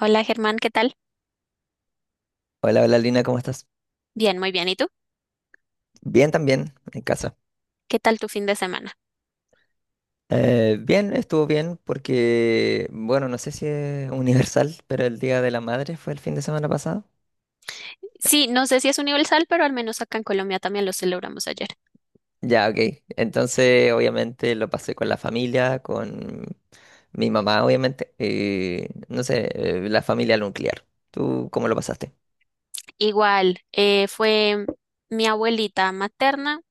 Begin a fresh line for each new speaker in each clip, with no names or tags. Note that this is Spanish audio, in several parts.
Hola Germán, ¿qué tal?
Hola, hola Lina, ¿cómo estás?
Bien, muy bien. ¿Y tú?
Bien también, en casa.
¿Qué tal tu fin de semana?
Bien, estuvo bien porque, bueno, no sé si es universal, pero el Día de la Madre fue el fin de semana pasado.
Sí, no sé si es universal, pero al menos acá en Colombia también lo celebramos ayer.
Ya, ok. Entonces, obviamente lo pasé con la familia, con mi mamá, obviamente. Y, no sé, la familia nuclear. ¿Tú cómo lo pasaste?
Igual, fue mi abuelita materna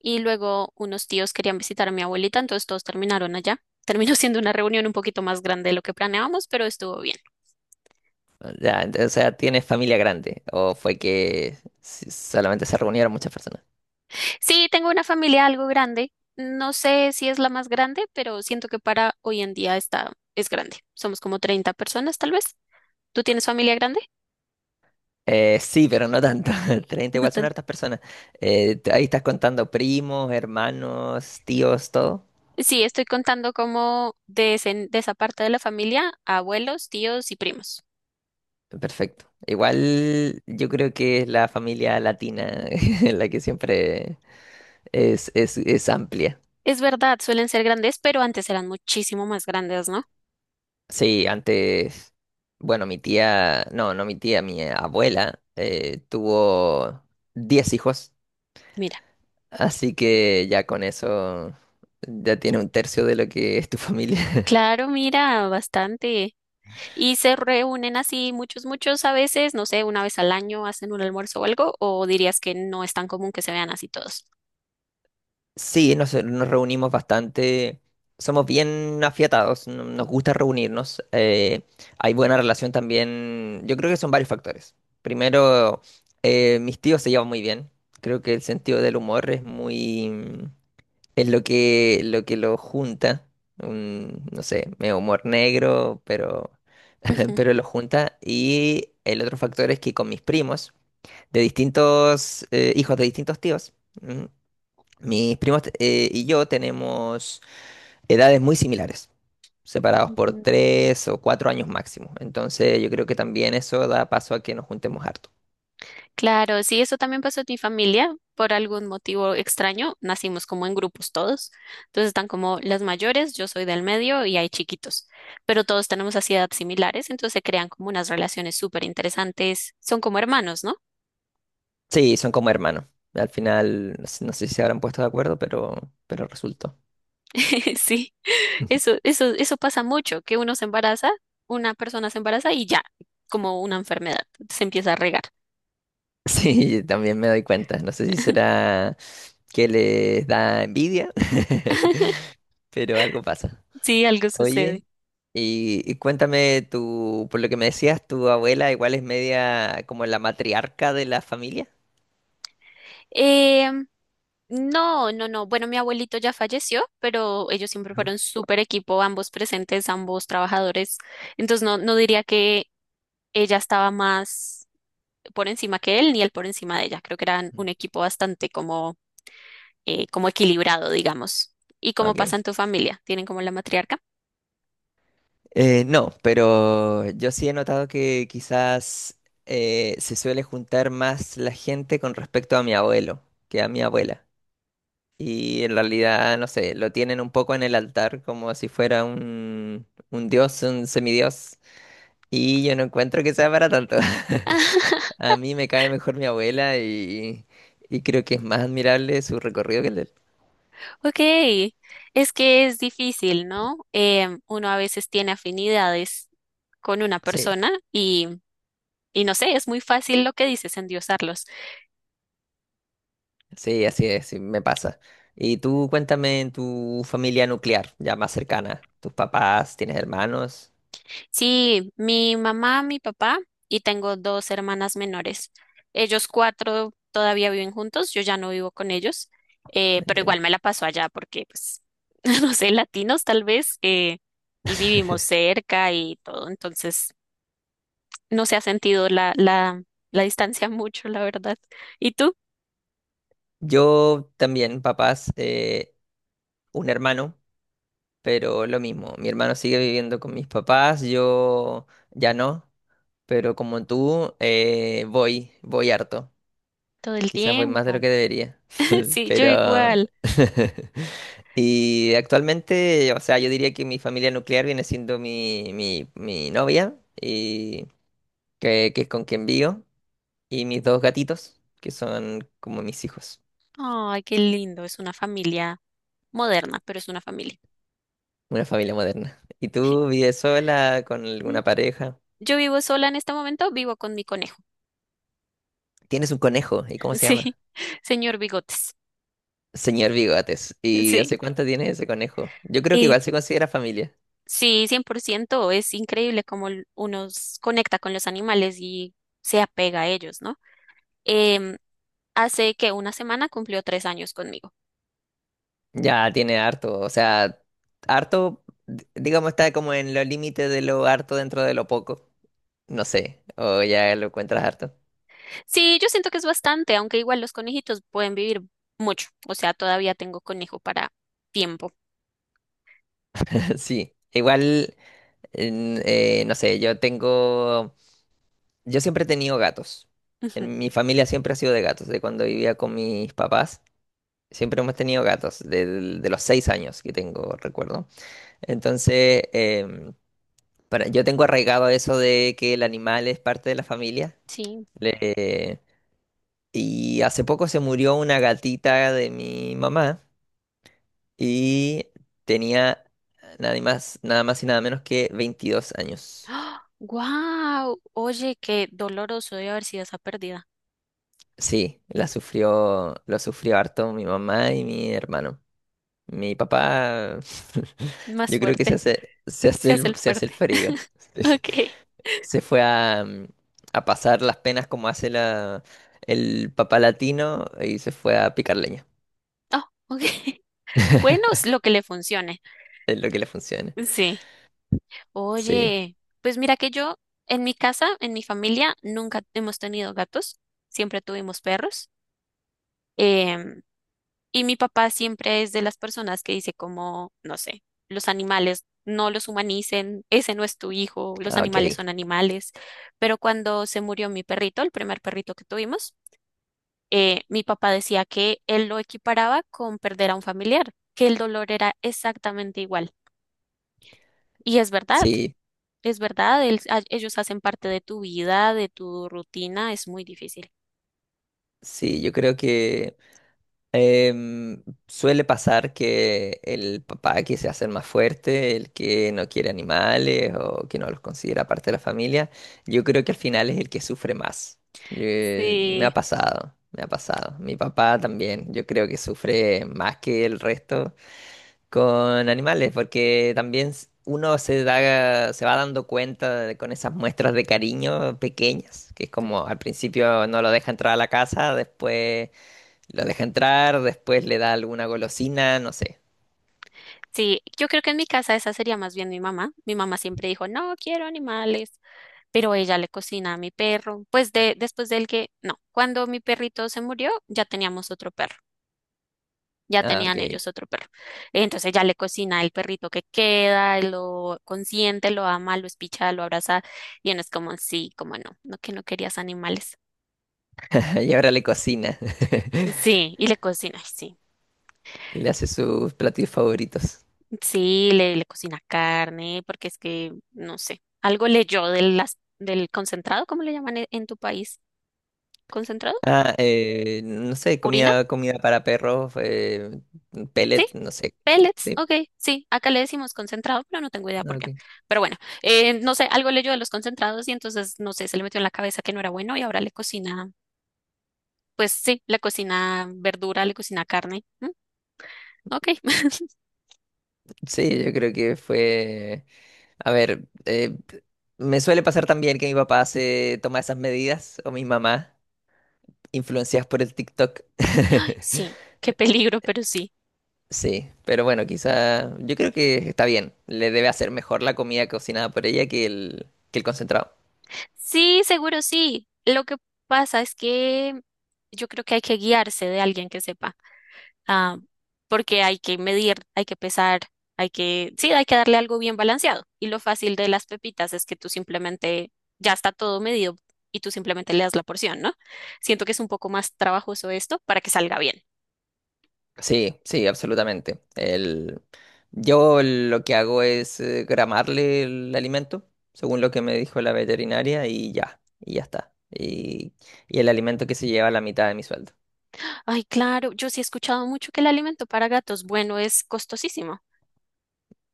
y luego unos tíos querían visitar a mi abuelita, entonces todos terminaron allá. Terminó siendo una reunión un poquito más grande de lo que planeábamos, pero estuvo bien.
Ya, o sea, ¿tienes familia grande? ¿O fue que solamente se reunieron muchas personas?
Sí, tengo una familia algo grande. No sé si es la más grande, pero siento que para hoy en día es grande. Somos como 30 personas, tal vez. ¿Tú tienes familia grande?
Sí, pero no tanto. 30
No.
igual son hartas personas. Ahí estás contando primos, hermanos, tíos, todo.
Sí, estoy contando como de esa parte de la familia, abuelos, tíos y primos.
Perfecto. Igual yo creo que es la familia latina la que siempre es amplia.
Es verdad, suelen ser grandes, pero antes eran muchísimo más grandes, ¿no?
Sí, antes, bueno, mi tía, no, no mi tía, mi abuela tuvo 10 hijos,
Mira,
así que ya con eso ya tiene un tercio de lo que es tu familia.
claro, mira, bastante. Y se reúnen así muchos, muchos a veces, no sé, una vez al año hacen un almuerzo o algo, o dirías que no es tan común que se vean así todos.
Sí, nos reunimos bastante, somos bien afiatados, nos gusta reunirnos, hay buena relación también, yo creo que son varios factores. Primero, mis tíos se llevan muy bien, creo que el sentido del humor es es lo lo que lo junta, no sé, medio humor negro, pero,
Ujú,
pero lo junta. Y el otro factor es que con mis primos, de distintos, hijos de distintos tíos, mm, mis primos y yo tenemos edades muy similares, separados por
ujú.
tres o cuatro años máximo. Entonces yo creo que también eso da paso a que nos juntemos harto.
Claro, sí, eso también pasó en mi familia. Por algún motivo extraño, nacimos como en grupos todos. Entonces están como las mayores, yo soy del medio y hay chiquitos. Pero todos tenemos así edades similares, entonces se crean como unas relaciones súper interesantes. Son como hermanos, ¿no?
Sí, son como hermanos. Al final, no sé si se habrán puesto de acuerdo, pero resultó.
Sí, eso pasa mucho, que uno se embaraza, una persona se embaraza y ya, como una enfermedad, se empieza a regar.
Sí, también me doy cuenta. No sé si será que les da envidia, pero algo pasa.
Sí, algo
Oye,
sucede.
y cuéntame, tú, por lo que me decías, tu abuela igual es media como la matriarca de la familia.
Em, No, no, no. Bueno, mi abuelito ya falleció, pero ellos siempre fueron súper equipo, ambos presentes, ambos trabajadores. Entonces no diría que ella estaba más por encima que él, ni él por encima de ella. Creo que eran un equipo bastante como equilibrado, digamos. ¿Y cómo pasa
Ok.
en tu familia? ¿Tienen como la matriarca?
No, pero yo sí he notado que quizás se suele juntar más la gente con respecto a mi abuelo que a mi abuela. Y en realidad, no sé, lo tienen un poco en el altar como si fuera un dios, un semidios. Y yo no encuentro que sea para tanto. A mí me cae mejor mi abuela y creo que es más admirable su recorrido que el de él.
Ok, es que es difícil, ¿no? Uno a veces tiene afinidades con una
Sí.
persona y no sé, es muy fácil lo que dices, endiosarlos.
Sí, así es, sí, me pasa. Y tú cuéntame en tu familia nuclear, ya más cercana, tus papás, tienes hermanos.
Sí, mi mamá, mi papá y tengo dos hermanas menores. Ellos cuatro todavía viven juntos, yo ya no vivo con ellos,
No
pero
entiendo.
igual me la paso allá porque, pues, no sé, latinos tal vez, y vivimos cerca y todo, entonces... no se ha sentido la distancia mucho, la verdad. ¿Y tú?
Yo también, papás, un hermano, pero lo mismo, mi hermano sigue viviendo con mis papás, yo ya no, pero como tú, voy harto.
Todo el
Quizás voy más de lo
tiempo.
que debería,
Sí, yo
pero...
igual.
Y actualmente, o sea, yo diría que mi familia nuclear viene siendo mi novia, y que es con quien vivo, y mis dos gatitos, que son como mis hijos,
Ay, qué lindo. Es una familia moderna, pero es una familia.
una familia moderna. ¿Y tú vives sola con
Mm,
alguna pareja?
Yo vivo sola en este momento, vivo con mi conejo.
Tienes un conejo, ¿y cómo se
Sí,
llama?
señor Bigotes.
Señor Bigotes. ¿Y
Sí.
hace cuánto tienes ese conejo? Yo creo que
Y
igual se considera familia.
sí, 100% es increíble cómo l- uno s- conecta con los animales y se apega a ellos, ¿no? Em, Hace que una semana cumplió 3 años conmigo.
Ya tiene harto, o sea, harto, digamos, está como en los límites de lo harto dentro de lo poco. No sé, o ya lo encuentras harto.
Sí, yo siento que es bastante, aunque igual los conejitos pueden vivir mucho. O sea, todavía tengo conejo para tiempo.
Sí, igual, no sé, yo siempre he tenido gatos.
Ujú,
En mi familia siempre ha sido de gatos, de cuando vivía con mis papás. Siempre hemos tenido gatos, los 6 años que tengo, recuerdo. Entonces, yo tengo arraigado eso de que el animal es parte de la familia.
Sí.
Y hace poco se murió una gatita de mi mamá y tenía nada más y nada menos que 22 años.
¡Wow! Oye, qué doloroso debe haber sido esa pérdida.
Sí, lo sufrió harto mi mamá y mi hermano. Mi papá,
Más
yo creo que
fuerte. Se hace el
se hace el
fuerte.
frío.
Ok.
Se fue a pasar las penas como hace el papá latino y se fue a picar leña.
Oh, ok. Bueno, es lo que le funcione.
Es lo que le funciona.
Sí.
Sí.
Oye, pues mira que yo, en mi casa, en mi familia, nunca hemos tenido gatos. Siempre tuvimos perros. em, Y mi papá siempre es de las personas que dice como, no sé, los animales no los humanicen, ese no es tu hijo, los
Ah,
animales
ok.
son animales. Pero cuando se murió mi perrito, el primer perrito que tuvimos, mi papá decía que él lo equiparaba con perder a un familiar, que el dolor era exactamente igual. Y
Sí,
es verdad, ellos hacen parte de tu vida, de tu rutina, es muy difícil.
Sí, yo creo que em, suele pasar que el papá que se hace el más fuerte, el que no quiere animales o que no los considera parte de la familia, yo creo que al final es el que sufre más. Yo- Me ha
Sí,
pasado, me ha pasado. Mi papá también, yo creo que sufre más que el resto con animales, porque también uno se da, se va dando cuenta con esas muestras de cariño pequeñas, que es como al principio no lo deja entrar a la casa, después lo deja entrar, después le da alguna golosina, no sé.
sí, yo creo que en mi casa esa sería más bien mi mamá. Mi mamá siempre dijo, no quiero animales. Pero ella le cocina a mi perro. Pues de, después del que, no, cuando mi perrito se murió, ya teníamos otro perro, ya
Ah,
tenían
ok.
ellos otro perro. Entonces ella le cocina el perrito que queda, lo consiente, lo ama, lo espicha, lo abraza, y uno es como, sí, como no, no que no querías animales.
Y ahora le cocina.
Sí, y le cocina, ay, sí,
Le hace sus platillos favoritos.
sí, le cocina carne, porque es que, no sé, algo leyó del, las- del concentrado, ¿cómo le llaman en tu país? ¿Concentrado?
No sé,
¿Purina?
comida para perros,
Sí,
pellet, no sé.
pellets,
Sí,
ok, sí, acá le decimos concentrado, pero no tengo idea
ah,
por qué.
ok.
Pero bueno, no sé, algo leyó de los concentrados y entonces, no sé, se le metió en la cabeza que no era bueno y ahora le cocina, pues sí, le cocina verdura, le cocina carne. Mm, Ok,
Sí, yo creo que fue... A ver, me suele pasar también que mi papá se toma esas medidas, o mi mamá, influenciadas por el TikTok.
sí, qué peligro, pero sí.
Sí, pero bueno, quizá yo creo que está bien. Le debe hacer mejor la comida cocinada por ella que que el concentrado.
Sí, seguro sí. Lo que pasa es que yo creo que hay que guiarse de alguien que sepa. Ah, porque hay que medir, hay que pesar, hay que, sí, hay que darle algo bien balanceado. Y lo fácil de las pepitas es que tú simplemente, ya está todo medido y tú simplemente le das la porción, ¿no? Siento que es un poco más trabajoso esto para que salga bien.
Sí, sí, absolutamente. Yo lo que hago es gramarle el alimento, según lo que me dijo la veterinaria, y ya está. Y el alimento que se lleva la mitad de mi sueldo.
Ay, claro, yo sí he escuchado mucho que el alimento para gatos bueno es costosísimo.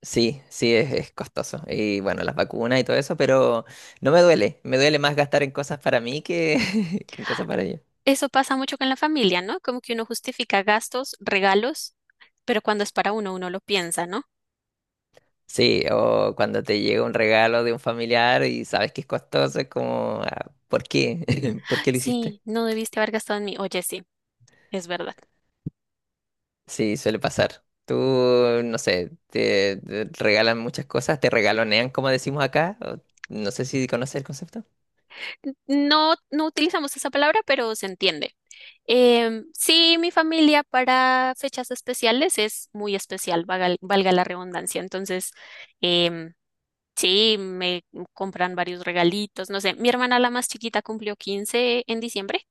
Sí, es costoso. Y bueno, las vacunas y todo eso, pero no me duele. Me duele más gastar en cosas para mí que, que en cosas para ella.
Eso pasa mucho con la familia, ¿no? Como que uno justifica gastos, regalos, pero cuando es para uno, uno lo piensa, ¿no?
Sí, o cuando te llega un regalo de un familiar y sabes que es costoso, es como, ah, ¿por qué? ¿Por qué lo hiciste?
Sí, no debiste haber gastado en mí. Oye, sí, es verdad.
Sí, suele pasar. Tú, no sé, te regalan muchas cosas, te regalonean, como decimos acá. No sé si conoces el concepto.
No, no utilizamos esa palabra, pero se entiende. Sí, mi familia para fechas especiales es muy especial, valga, la redundancia. Entonces, em, Sí, me compran varios regalitos, no sé. Mi hermana, la más chiquita, cumplió 15 en diciembre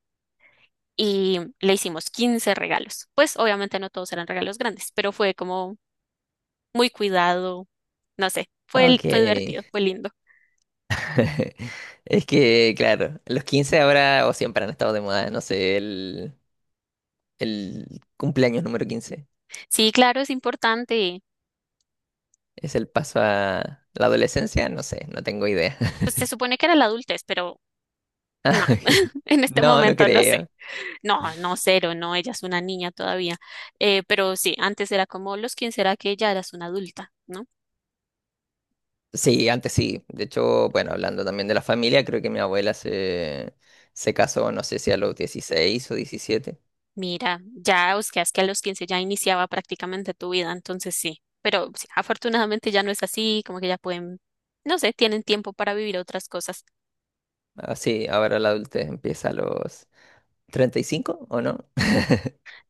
y le hicimos 15 regalos. Pues obviamente no todos eran regalos grandes, pero fue como muy cuidado, no sé. Fue,
Ok.
fue divertido, fue lindo.
Es que, claro, los 15 ahora o siempre han estado de moda, no sé, el cumpleaños número quince.
Sí, claro, es importante.
¿Es el paso a la adolescencia? No sé, no tengo idea.
Pues se supone que era la adultez, pero no,
Ah, ok.
en este
No, no
momento no sé.
creo.
No, no, cero, no, ella es una niña todavía. Pero sí, antes era como los 15, era que ya eras una adulta, ¿no?
Sí, antes sí. De hecho, bueno, hablando también de la familia, creo que se casó, no sé si a los dieciséis o diecisiete.
Mira, ya buscas que a los 15 ya iniciaba prácticamente tu vida, entonces sí, pero sí, afortunadamente ya no es así, como que ya pueden, no sé, tienen tiempo para vivir otras cosas.
Ah, sí, ahora la adultez empieza a los 35, ¿o no?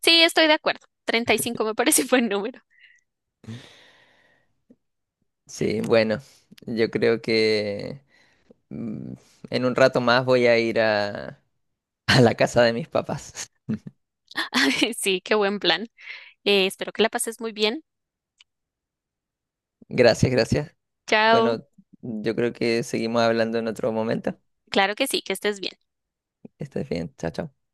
Sí, estoy de acuerdo, 35 me parece buen número.
Sí, bueno, yo creo que mm, en un rato más voy a ir a, a la casa de mis papás.
Ay, Sí, qué buen plan. Espero que la pases muy bien.
Gracias, gracias.
Chao.
Bueno, yo creo que seguimos hablando en otro momento.
Claro que sí, que estés bien.
Estás bien, chao, chao.